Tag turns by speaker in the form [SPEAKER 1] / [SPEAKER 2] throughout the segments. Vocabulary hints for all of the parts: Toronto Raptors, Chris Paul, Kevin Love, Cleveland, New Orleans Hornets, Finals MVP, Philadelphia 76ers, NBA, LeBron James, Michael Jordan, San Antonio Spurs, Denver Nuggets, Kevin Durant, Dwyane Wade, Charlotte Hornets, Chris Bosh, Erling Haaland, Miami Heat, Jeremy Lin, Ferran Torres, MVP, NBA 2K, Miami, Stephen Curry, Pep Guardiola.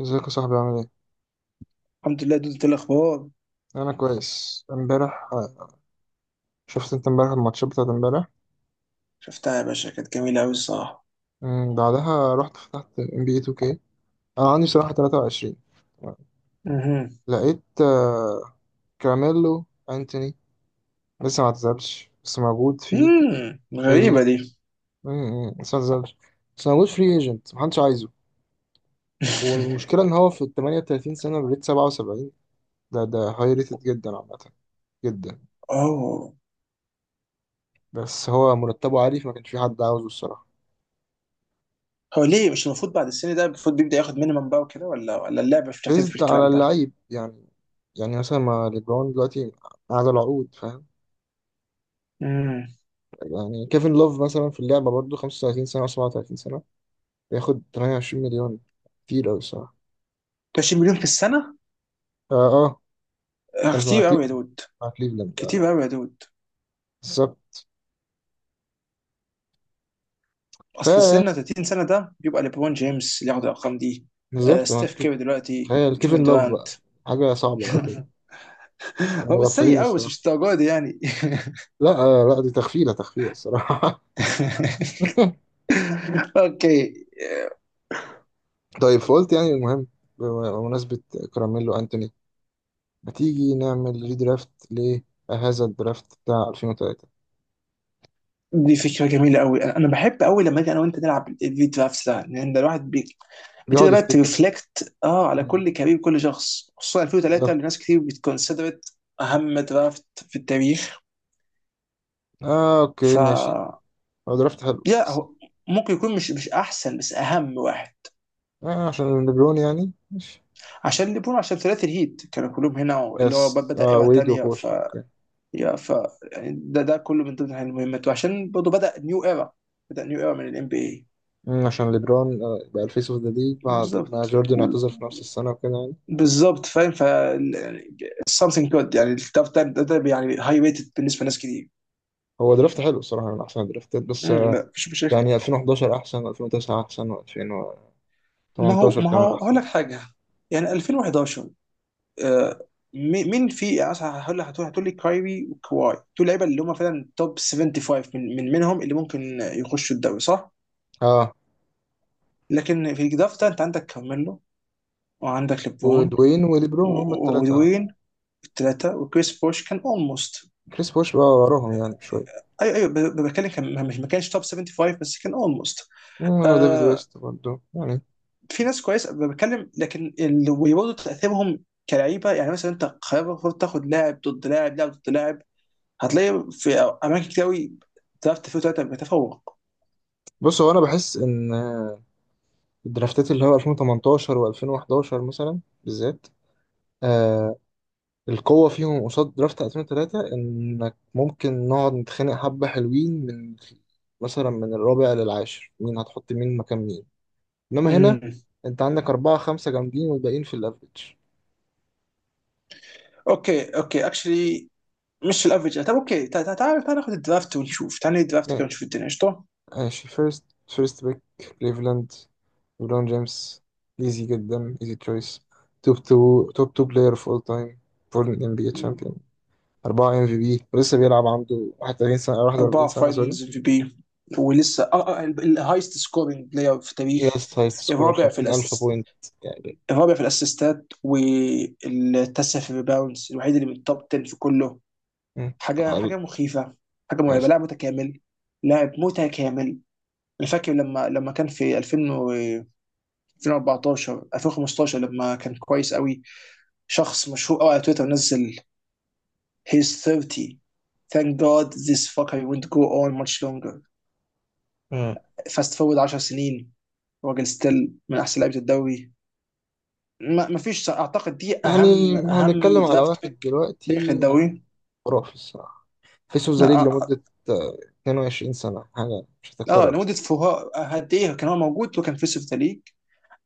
[SPEAKER 1] ازيك يا صاحبي؟ عامل ايه؟
[SPEAKER 2] الحمد لله، دول الاخبار.
[SPEAKER 1] انا كويس. امبارح شفت انت امبارح الماتشات بتاعت امبارح.
[SPEAKER 2] شفتها يا باشا، كانت جميله قوي الصراحه.
[SPEAKER 1] بعدها رحت فتحت ام بي اي 2K. انا عندي صراحة 23.
[SPEAKER 2] مهم.
[SPEAKER 1] لقيت كراميلو انتوني لسه ما اعتزلش، بس موجود في
[SPEAKER 2] مم. غريبه
[SPEAKER 1] ال
[SPEAKER 2] دي.
[SPEAKER 1] مم، لسه ما اعتزلش، بس موجود فري ايجنت، محدش عايزه. والمشكلة ان هو في ال 38 سنة بريت 77. ده هاي ريتد جدا، عامة جدا.
[SPEAKER 2] اوه.
[SPEAKER 1] بس هو مرتبه عالي، فما كانش في حد عاوزه الصراحة.
[SPEAKER 2] هو ليه مش المفروض بعد السن ده؟ المفروض بيبدا ياخد مينيمم بقى وكده، ولا اللعبه مش بتعترف
[SPEAKER 1] بيزد على
[SPEAKER 2] بالكلام ده.
[SPEAKER 1] اللعيب يعني. يعني مثلا ما ليبرون دلوقتي قاعد العقود، فاهم؟
[SPEAKER 2] امم
[SPEAKER 1] يعني كيفن لوف مثلا في اللعبة برضه 35 سنة أو 37 سنة، بياخد 28 مليون. كتير أوي الصراحة.
[SPEAKER 2] 20 مليون في السنه.
[SPEAKER 1] آه, آه.
[SPEAKER 2] آه،
[SPEAKER 1] كان مع
[SPEAKER 2] كتير قوي يا
[SPEAKER 1] كليفلاند،
[SPEAKER 2] دود.
[SPEAKER 1] مع كليفلاند آه.
[SPEAKER 2] كتير قوي يا دود.
[SPEAKER 1] بالظبط.
[SPEAKER 2] اصل
[SPEAKER 1] فا
[SPEAKER 2] السن 30 سنه ده بيبقى ليبرون جيمس اللي ياخد الارقام دي. آه،
[SPEAKER 1] بالظبط.
[SPEAKER 2] ستيف كيري دلوقتي.
[SPEAKER 1] تخيل
[SPEAKER 2] كيفن
[SPEAKER 1] كيفن لوف
[SPEAKER 2] دورانت.
[SPEAKER 1] بقى، حاجة صعبة أوي. كانوا
[SPEAKER 2] هو مش سيء
[SPEAKER 1] مغفلين
[SPEAKER 2] قوي، بس مش
[SPEAKER 1] الصراحة.
[SPEAKER 2] الدرجه دي يعني.
[SPEAKER 1] لا آه، لا، دي تغفيلة تغفيلة الصراحة.
[SPEAKER 2] اوكي.
[SPEAKER 1] طيب، فقلت يعني المهم، بمناسبة كراميلو أنتوني، ما تيجي نعمل ريدرافت لهذا الدرافت بتاع 2003؟
[SPEAKER 2] دي فكرة جميلة قوي، انا بحب قوي لما اجي انا وانت نلعب الفيديو درافت ده، لان ده الواحد بي...
[SPEAKER 1] بيقعد
[SPEAKER 2] بتبدا بقى
[SPEAKER 1] يفتكر.
[SPEAKER 2] ترفلكت على
[SPEAKER 1] مم.
[SPEAKER 2] كل كارير كل شخص، خصوصا 2003 اللي
[SPEAKER 1] بالظبط.
[SPEAKER 2] ناس كتير بتكونسيدرت اهم درافت في التاريخ.
[SPEAKER 1] آه أوكي
[SPEAKER 2] ف
[SPEAKER 1] ماشي. هو درافت حلو،
[SPEAKER 2] يا
[SPEAKER 1] بس
[SPEAKER 2] هو، ممكن يكون مش احسن، بس اهم واحد.
[SPEAKER 1] آه عشان ليبرون يعني، ماشي.
[SPEAKER 2] عشان ليبرون، عشان ثلاثي الهيت كانوا كلهم هنا، اللي هو
[SPEAKER 1] يس
[SPEAKER 2] بدا
[SPEAKER 1] آه،
[SPEAKER 2] ايرا
[SPEAKER 1] ويد
[SPEAKER 2] تانية. ف
[SPEAKER 1] وبوش، أوكي.
[SPEAKER 2] يا ف يعني ده كله من ضمن المهمات، وعشان برضه بدا نيو ايرا. بدا نيو ايرا من الام بي اي.
[SPEAKER 1] مم، عشان ليبرون آه بقى الفيس أوف ذا ليج بعد ما
[SPEAKER 2] بالظبط.
[SPEAKER 1] جوردن اعتزل في نفس السنة وكده يعني.
[SPEAKER 2] بالظبط فاهم. Something good، يعني التاف تايم ده, يعني هاي ريتد بالنسبه لناس كتير.
[SPEAKER 1] هو درافت حلو الصراحة، من أحسن الدرافتات، بس
[SPEAKER 2] مم، لا مش
[SPEAKER 1] يعني
[SPEAKER 2] هيخت-
[SPEAKER 1] 2011 أحسن، و2009 أحسن، و2018
[SPEAKER 2] ما
[SPEAKER 1] كمان
[SPEAKER 2] هو ما هو هقول
[SPEAKER 1] أحسن.
[SPEAKER 2] لك حاجه. يعني 2011، آه. مي- مين في، يعني مثلا هقول لك، هتقول لي كايري وكواي، دول لعيبه اللي هم فعلا توب 75، من منهم اللي ممكن يخشوا الدوري صح؟
[SPEAKER 1] آه
[SPEAKER 2] لكن في الدرافت ده انت عندك كارميلو، وعندك ليبرون،
[SPEAKER 1] ودوين وليبرون، هما
[SPEAKER 2] و-
[SPEAKER 1] التلاتة.
[SPEAKER 2] ودوين، الثلاثه، وكريس بوش كان اولموست.
[SPEAKER 1] كريس بوش بقى وراهم يعني شوية.
[SPEAKER 2] ايوه، ايوه، بتكلم، كان ما كانش توب 75، بس كان اولموست.
[SPEAKER 1] مم، هو دافيد ويست برضه يعني.
[SPEAKER 2] في ناس كويسه أنا بتكلم، لكن وبرضه تاثيرهم كلعيبه، يعني مثلا انت قرار المفروض تاخد لاعب ضد لاعب، لاعب ضد لاعب. هتلاقي في اماكن كتير قوي درافت فيه ثلاثه بتفوق.
[SPEAKER 1] بص، هو انا بحس ان الدرافتات اللي هو 2018 و2011 مثلا بالذات، آه القوة فيهم قصاد درافت 2003، انك ممكن نقعد نتخانق حبة حلوين من، مثلا من الرابع للعاشر، مين هتحط مين مكان مين. انما هنا
[SPEAKER 2] امم
[SPEAKER 1] انت عندك أربعة خمسة جامدين، والباقيين في الافريج.
[SPEAKER 2] اوكي، اوكي اكشلي، مش الافرج. طب اوكي، تعال تعال ناخد الدرافت ونشوف، تعال ناخد الدرافت كده ونشوف الدنيا قشطه.
[SPEAKER 1] ماشي، فيرست فيرست بيك، كليفلاند، ليبرون جيمس. ايزي جدا، ايزي تشويس. توب 2 بلاير اوف اول تايم. فور ام بي اي
[SPEAKER 2] مم.
[SPEAKER 1] تشامبيون، 4 ام في بي، ولسه بيلعب. عنده 31 سنه، 41
[SPEAKER 2] اربعه
[SPEAKER 1] سنه سوري.
[SPEAKER 2] فاينلز ام في بي، ولسه الهايست سكورينج بلاير في التاريخ.
[SPEAKER 1] يس، هايست سكور،
[SPEAKER 2] الرابع في
[SPEAKER 1] 50,000
[SPEAKER 2] الأس...
[SPEAKER 1] بوينت يعني.
[SPEAKER 2] الرابع في الاسيستات، والتاسع في الريباوندز، الوحيد اللي من التوب 10 في كله.
[SPEAKER 1] مم.
[SPEAKER 2] حاجه
[SPEAKER 1] عقل.
[SPEAKER 2] حاجه مخيفه. حاجه مرعبه،
[SPEAKER 1] يس.
[SPEAKER 2] لاعب متكامل. لاعب متكامل. انا فاكر لما كان في 2000 و 2014 2015، لما كان كويس قوي، شخص مشهور قوي على تويتر نزل: he's 30, thank god this fucker won't go on much longer.
[SPEAKER 1] مم.
[SPEAKER 2] Fast forward 10 سنين، راجل ستيل من احسن لعيبه الدوري. ما فيش، اعتقد دي
[SPEAKER 1] يعني
[SPEAKER 2] اهم اهم
[SPEAKER 1] هنتكلم على
[SPEAKER 2] درافت
[SPEAKER 1] واحد
[SPEAKER 2] بيك تاريخ
[SPEAKER 1] دلوقتي يعني
[SPEAKER 2] الدوري.
[SPEAKER 1] خرافي الصراحه. فيس اوف ذا
[SPEAKER 2] لا،
[SPEAKER 1] ليج
[SPEAKER 2] اه،
[SPEAKER 1] لمده آه، 22 سنه، حاجه مش
[SPEAKER 2] آه،
[SPEAKER 1] هتتكرر.
[SPEAKER 2] لمده فوها قد ايه كان هو موجود وكان في سيف ذا ليج.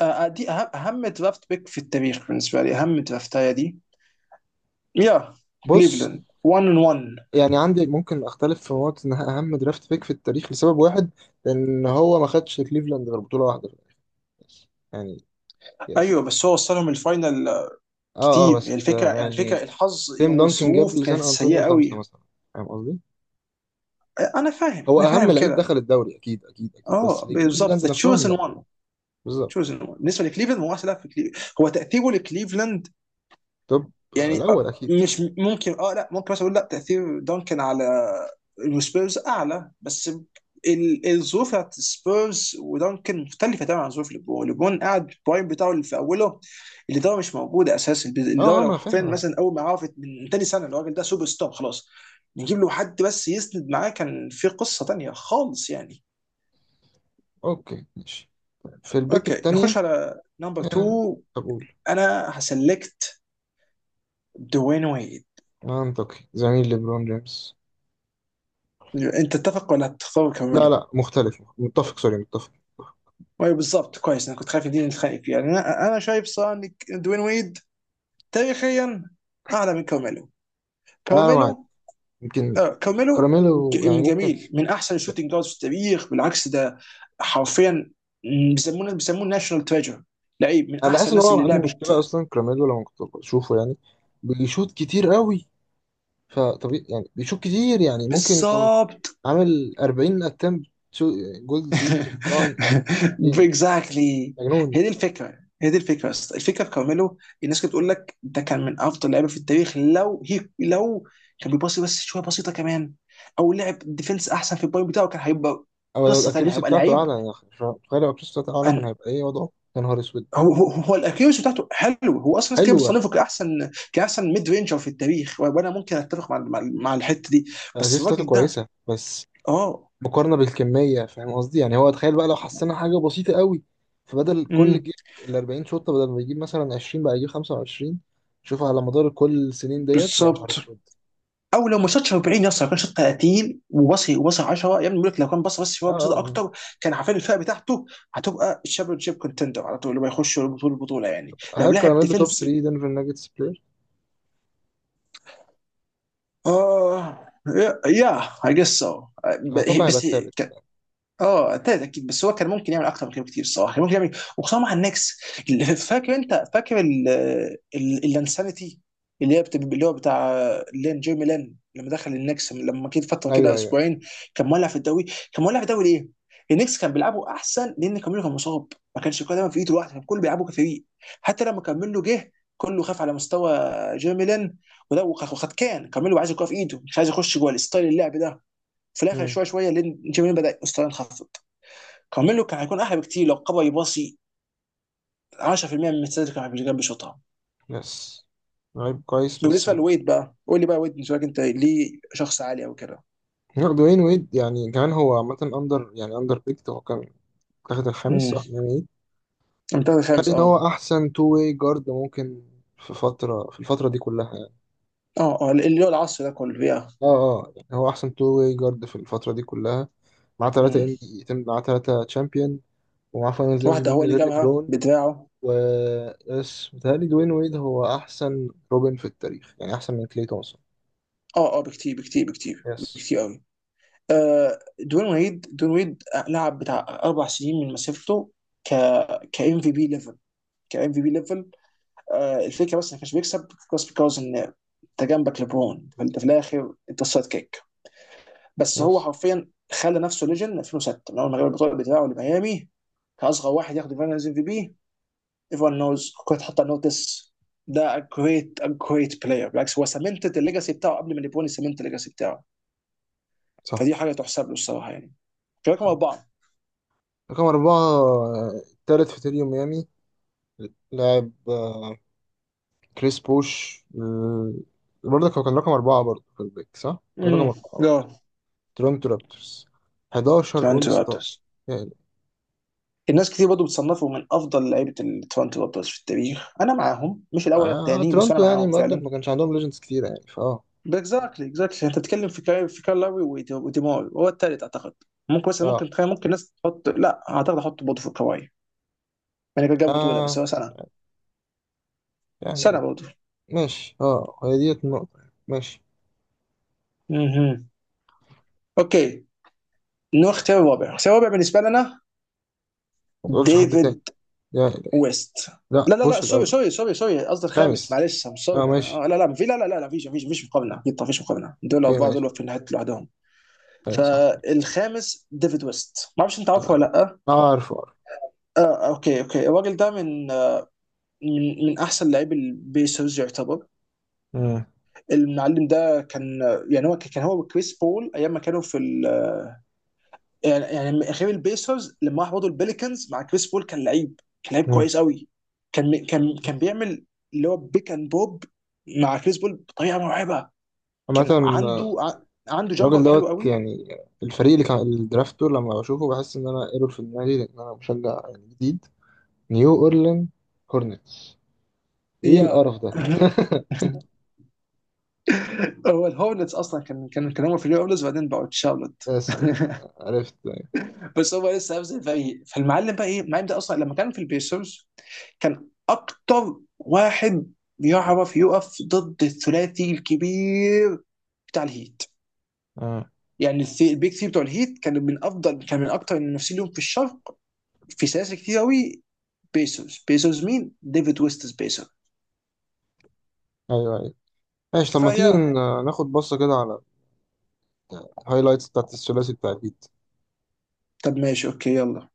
[SPEAKER 2] آه، آه، دي اهم درافت بيك في التاريخ بالنسبه لي، اهم درافتايه دي. يا
[SPEAKER 1] بص،
[SPEAKER 2] كليفلاند 1 ان 1.
[SPEAKER 1] يعني عندي ممكن اختلف في نقطة ان اهم درافت بيك في التاريخ، لسبب واحد، لان هو ما خدش كليفلاند غير بطولة واحدة في التاريخ بس يعني. يس.
[SPEAKER 2] ايوه، بس هو وصلهم الفاينل آه،
[SPEAKER 1] اه اه،
[SPEAKER 2] كتير، يعني
[SPEAKER 1] بس
[SPEAKER 2] الفكره، يعني
[SPEAKER 1] يعني
[SPEAKER 2] الفكره الحظ
[SPEAKER 1] تيم دانكن جاب
[SPEAKER 2] والظروف
[SPEAKER 1] لسان
[SPEAKER 2] كانت سيئه
[SPEAKER 1] انطونيو خمسة
[SPEAKER 2] قوي.
[SPEAKER 1] مثلا. فاهم قصدي؟
[SPEAKER 2] آه، انا فاهم،
[SPEAKER 1] هو
[SPEAKER 2] انا
[SPEAKER 1] اهم
[SPEAKER 2] فاهم
[SPEAKER 1] لعيب
[SPEAKER 2] كده.
[SPEAKER 1] دخل الدوري، اكيد اكيد اكيد، بس
[SPEAKER 2] اه، بالظبط،
[SPEAKER 1] كليفلاند
[SPEAKER 2] ذا
[SPEAKER 1] نفسهم
[SPEAKER 2] تشوزن
[SPEAKER 1] لا.
[SPEAKER 2] 1. تشوزن
[SPEAKER 1] بالظبط.
[SPEAKER 2] 1 بالنسبه لكليفلاند، هو احسن لاعب في كليفلاند، هو تاثيره لكليفلاند.
[SPEAKER 1] طب
[SPEAKER 2] يعني
[SPEAKER 1] الاول
[SPEAKER 2] آه،
[SPEAKER 1] اكيد.
[SPEAKER 2] مش ممكن اه، لا ممكن مثلا اقول لا، تاثير دانكن على السبيرز اعلى، بس الظروف بتاعت السبيرز ودانكن مختلفه تماما عن ظروف ليبرون. ليبرون قاعد البرايم بتاعه اللي في اوله، اللي ده مش موجود اساسا، اللي
[SPEAKER 1] اه
[SPEAKER 2] ده
[SPEAKER 1] اه، ما
[SPEAKER 2] لو
[SPEAKER 1] انا
[SPEAKER 2] حرفيا
[SPEAKER 1] فاهم، انا فاهم.
[SPEAKER 2] مثلا، اول ما عرفت من تاني سنه الراجل ده سوبر ستار خلاص. نجيب له حد بس يسند معاه، كان في قصه تانيه خالص يعني.
[SPEAKER 1] اوكي ماشي. في البيك
[SPEAKER 2] اوكي، نخش
[SPEAKER 1] التانية
[SPEAKER 2] على نمبر
[SPEAKER 1] آه،
[SPEAKER 2] 2.
[SPEAKER 1] اقول
[SPEAKER 2] انا هسلكت دوين ويد.
[SPEAKER 1] منطقي زميل ليبرون جيمس.
[SPEAKER 2] انت تتفق ولا تختار
[SPEAKER 1] لا
[SPEAKER 2] كمان؟
[SPEAKER 1] لا، متفق، سوري، متفق.
[SPEAKER 2] ايوه، بالظبط، كويس، انا كنت خايف دي نتخانق فيها، يعني انا شايف صراحه ان دوين ويد تاريخيا اعلى من كارميلو.
[SPEAKER 1] انا معاك.
[SPEAKER 2] كارميلو،
[SPEAKER 1] يمكن
[SPEAKER 2] آه كارميلو،
[SPEAKER 1] كراميلو
[SPEAKER 2] ج-
[SPEAKER 1] يعني
[SPEAKER 2] من
[SPEAKER 1] ممكن.
[SPEAKER 2] جميل من احسن الشوتنج جاردز في التاريخ بالعكس ده. حرفيا بيسموه ناشونال تريجر، لعيب من
[SPEAKER 1] انا
[SPEAKER 2] احسن
[SPEAKER 1] بحس ان
[SPEAKER 2] الناس
[SPEAKER 1] هو
[SPEAKER 2] اللي
[SPEAKER 1] عنده
[SPEAKER 2] لعبت.
[SPEAKER 1] مشكله اصلا، كراميلو، لما كنت بشوفه يعني بيشوط كتير قوي. فطبيعي يعني بيشوط كتير، يعني ممكن يكون
[SPEAKER 2] بالظبط.
[SPEAKER 1] عامل 40 اتمت. جولد فيلد. طبعا. دي
[SPEAKER 2] اكزاكتلي.
[SPEAKER 1] مجنون.
[SPEAKER 2] هي دي الفكره، هي دي الفكره يا اسطى. الفكره في كارميلو: الناس كانت بتقول لك ده كان من افضل لعيبه في التاريخ لو، هي لو كان بيباصي بس شويه بسيطه كمان، او لعب ديفنس احسن، في البوينت بتاعه كان هيبقى
[SPEAKER 1] او لو
[SPEAKER 2] قصه ثانيه،
[SPEAKER 1] الاكيروسي
[SPEAKER 2] هيبقى
[SPEAKER 1] بتاعته
[SPEAKER 2] لعيب.
[SPEAKER 1] اعلى، يعني تخيل لو الاكيروسي بتاعته اعلى كان
[SPEAKER 2] أن
[SPEAKER 1] هيبقى ايه وضعه. يا نهار اسود.
[SPEAKER 2] هو الاكيوس بتاعته حلو، هو اصلا ناس كده
[SPEAKER 1] حلوه.
[SPEAKER 2] بتصنفه كاحسن، كاحسن ميد رينجر في التاريخ، وانا ممكن اتفق مع الحته دي. بس
[SPEAKER 1] الاكيروسي بتاعته
[SPEAKER 2] الراجل ده،
[SPEAKER 1] كويسه، بس
[SPEAKER 2] اه.
[SPEAKER 1] مقارنة بالكمية، فاهم قصدي؟ يعني هو تخيل بقى لو حسنا حاجة بسيطة قوي، فبدل كل
[SPEAKER 2] امم
[SPEAKER 1] جيب ال 40 شوطة، بدل ما يجيب مثلا 20 بقى يجيب 25، شوف على مدار كل السنين ديت، يا نهار
[SPEAKER 2] بالظبط.
[SPEAKER 1] اسود.
[SPEAKER 2] او لو ما شاطش 40 يا اسطى، لو كان شاط 30 وصل 10، يا ابني بيقول لك لو كان بص بس
[SPEAKER 1] اه
[SPEAKER 2] شويه
[SPEAKER 1] اه
[SPEAKER 2] بسيطه
[SPEAKER 1] آه.
[SPEAKER 2] اكتر، كان عارفين الفئه بتاعته هتبقى الشامبيون شيب كونتندر على طول اللي هيخش البطوله، يعني لو
[SPEAKER 1] هل
[SPEAKER 2] لعب
[SPEAKER 1] كراميلو توب
[SPEAKER 2] ديفنسيف.
[SPEAKER 1] 3 دنفر ناجتس بلاير؟
[SPEAKER 2] اه. يا اي جس سو.
[SPEAKER 1] اتوقع هيبقى
[SPEAKER 2] بس،
[SPEAKER 1] التالت.
[SPEAKER 2] اه، ابتدت اكيد، بس هو كان ممكن يعمل اكتر من كده بكتير الصراحه، كان ممكن يعمل إيه؟ وخصوصا مع النكس اللي- فاكر، انت فاكر الانسانيتي، اللي هي بت- اللي هو بتاع لين، جيرمي لين، لما دخل النكس لما كده فتره كده
[SPEAKER 1] ايوه ايوه.
[SPEAKER 2] اسبوعين، كان مولع في الدوري. كان مولع في الدوري ليه؟ النكس كان بيلعبوا احسن لان كاميلو كان مصاب، ما كانش كله دايما في ايده لوحده، كان كله بيلعبوا كفريق. حتى لما كاميلو جه كله خاف على مستوى جيرمي لين، وده، وخد، كان كاميلو عايز الكوره في ايده، مش عايز يخش جوه الستايل اللعب ده، في الاخر
[SPEAKER 1] امم.
[SPEAKER 2] شويه شويه لان جيمي بدا مستواه ينخفض. كارميلو كان هيكون احلى بكتير لو قبل يباصي، 10% من السيرفر كان بيشوطها.
[SPEAKER 1] يس. لعيب كويس، بس
[SPEAKER 2] بالنسبه
[SPEAKER 1] آه.
[SPEAKER 2] لويد بقى، قول لي بقى، ويد بالنسبه لك انت ليه شخص عالي او كده؟
[SPEAKER 1] لا، دوين ويد يعني كمان هو عامة اندر، يعني اندر بيكت. هو كان تاخد الخامس
[SPEAKER 2] امم
[SPEAKER 1] صح يعني، ايه.
[SPEAKER 2] المنتخب
[SPEAKER 1] قال
[SPEAKER 2] الخامس،
[SPEAKER 1] ان
[SPEAKER 2] اه.
[SPEAKER 1] هو احسن تو واي جارد ممكن في فترة، في الفترة دي كلها.
[SPEAKER 2] اه، اه، اللي هو العصر ده كله. يا
[SPEAKER 1] اه اه، يعني هو احسن تو واي جارد في الفتره دي كلها. معاه ثلاثه
[SPEAKER 2] امم
[SPEAKER 1] ام بي، معاه ثلاثه تشامبيون، ومعاه فاينلز ام في
[SPEAKER 2] واحده
[SPEAKER 1] بي
[SPEAKER 2] هو
[SPEAKER 1] من
[SPEAKER 2] اللي
[SPEAKER 1] غير
[SPEAKER 2] جابها
[SPEAKER 1] ليبرون.
[SPEAKER 2] بدراعه.
[SPEAKER 1] و، بس متهيألي دوين ويد هو احسن روبن في التاريخ، يعني احسن من كلي تومسون.
[SPEAKER 2] اه، اه، بكتير، بكتير، بكتير،
[SPEAKER 1] يس
[SPEAKER 2] بكتير قوي. آه، دون ويد، دون ويد لعب بتاع اربع سنين من مسيرته، ك ك ام في بي ليفل، ك ام في بي ليفل. آه، الفكره بس ما كانش بيكسب، بس بيكوز ان انت جنبك لبرون، فانت في الاخر انت السايد كيك، بس
[SPEAKER 1] يس.
[SPEAKER 2] هو حرفيا خلى نفسه ليجن 2006 من اول ما جاب البطوله بتاعه لميامي كاصغر واحد ياخد الفاينلز ام في بي. ايفون نوز، كنت حط نوتس. ده جريت، جريت بلاير، بالعكس، هو سمنتد الليجاسي بتاعه قبل ما نيبوني سمنت الليجاسي بتاعه،
[SPEAKER 1] صح.
[SPEAKER 2] فدي حاجه تحسب له الصراحه يعني. رقم
[SPEAKER 1] صح.
[SPEAKER 2] اربعه.
[SPEAKER 1] رقم أربعة التالت في تريو ميامي. لاعب كريس بوش برضه هو كان رقم أربعة برضه في البيك صح؟ كان رقم
[SPEAKER 2] امم
[SPEAKER 1] أربعة
[SPEAKER 2] جو،
[SPEAKER 1] برضه. تورنتو رابترز، 11 أول
[SPEAKER 2] تورنتو
[SPEAKER 1] ستار.
[SPEAKER 2] رابترز. الناس كتير برضه بتصنفوا من افضل لعيبه التورنتو رابترز في التاريخ، انا معاهم، مش الاول،
[SPEAKER 1] آه
[SPEAKER 2] الثاني، بس انا
[SPEAKER 1] تورونتو
[SPEAKER 2] معاهم
[SPEAKER 1] يعني برضه ما
[SPEAKER 2] فعلا.
[SPEAKER 1] كانش عندهم ليجندز كتير يعني فاه.
[SPEAKER 2] اكزاكتلي، اكزاكتلي، انت بتتكلم في كاي، لاوي، وديماي هو الثالث اعتقد. ممكن مثلا،
[SPEAKER 1] اه
[SPEAKER 2] ممكن تخيل، ممكن الناس تحط، لا اعتقد احط برضه في كواي، يعني كان جاب بطوله، بس
[SPEAKER 1] اه
[SPEAKER 2] هو سنه، سنه
[SPEAKER 1] يعني.
[SPEAKER 2] برضه.
[SPEAKER 1] ماشي. اه، هي ديت النقطة يعني. ماشي.
[SPEAKER 2] اها. اوكي. نروح اختيار الرابع، اختيار الرابع بالنسبه لنا.
[SPEAKER 1] ما تقولش حد تاني.
[SPEAKER 2] ديفيد
[SPEAKER 1] يا إلهي.
[SPEAKER 2] ويست.
[SPEAKER 1] لا،
[SPEAKER 2] لا، لا، لا،
[SPEAKER 1] بوش
[SPEAKER 2] سوري،
[SPEAKER 1] الأول.
[SPEAKER 2] سوري، سوري، سوري، قصدي الخامس،
[SPEAKER 1] خامس.
[SPEAKER 2] معلش،
[SPEAKER 1] اه
[SPEAKER 2] سوري انا
[SPEAKER 1] ماشي.
[SPEAKER 2] آه، لا، لا، في لا، لا، لا، لا، فيش، فيش، مقابله اكيد طبعاً، فيش مقابله، دول
[SPEAKER 1] اوكي
[SPEAKER 2] اربعه،
[SPEAKER 1] ماشي.
[SPEAKER 2] دول في نهايه لوحدهم.
[SPEAKER 1] آه صح.
[SPEAKER 2] فالخامس ديفيد ويست، ما اعرفش انت عارفه
[SPEAKER 1] اه
[SPEAKER 2] ولا لا.
[SPEAKER 1] آه، عارفه عارفه.
[SPEAKER 2] آه، آه، اوكي، اوكي، الراجل ده من احسن لاعبي البيسرز يعتبر.
[SPEAKER 1] مم.
[SPEAKER 2] المعلم ده كان، يعني هو كان هو وكريس بول ايام ما كانوا في ال... يعني، غير البيسرز لما راح برضه البليكنز مع كريس بول كان لعيب، كان لعيب
[SPEAKER 1] مم.
[SPEAKER 2] كويس قوي، كان، كان
[SPEAKER 1] بس
[SPEAKER 2] بيعمل اللي هو بيك اند بوب مع كريس بول بطريقه مرعبه.
[SPEAKER 1] عامة
[SPEAKER 2] كان عنده
[SPEAKER 1] آه،
[SPEAKER 2] عنده
[SPEAKER 1] الراجل
[SPEAKER 2] جامبر حلو
[SPEAKER 1] دوت
[SPEAKER 2] قوي.
[SPEAKER 1] يعني. الفريق اللي كان الدرافت دول لما بشوفه بحس إن أنا ايرور في دماغي، لأن أنا مشجع يعني جديد نيو أورلين هورنتس، إيه القرف ده؟
[SPEAKER 2] Yeah. هو الهورنتس اصلا، كان هم في الهورنتس، وبعدين بقوا تشارلوت.
[SPEAKER 1] يس يس. عرفت.
[SPEAKER 2] بس هو لسه هيفضل فريق. فالمعلم بقى ايه؟ المعلم ده اصلا لما كان في البيسرز، كان اكتر واحد بيعرف يقف ضد الثلاثي الكبير بتاع الهيت. يعني البيك ثري بتوع الهيت كانوا من افضل، كان من اكتر المنافسين لهم في الشرق في سلاسل كتير قوي. بيسرز، بيسرز مين؟ ديفيد ويستس بيسر.
[SPEAKER 1] ايوه ايوه. ماشي، طب ما تيجي
[SPEAKER 2] فيا
[SPEAKER 1] ناخد بصة كده على الهايلايتس بتاعت الثلاثي بتاع الجيل.
[SPEAKER 2] طب ماشي، اوكي، يلا.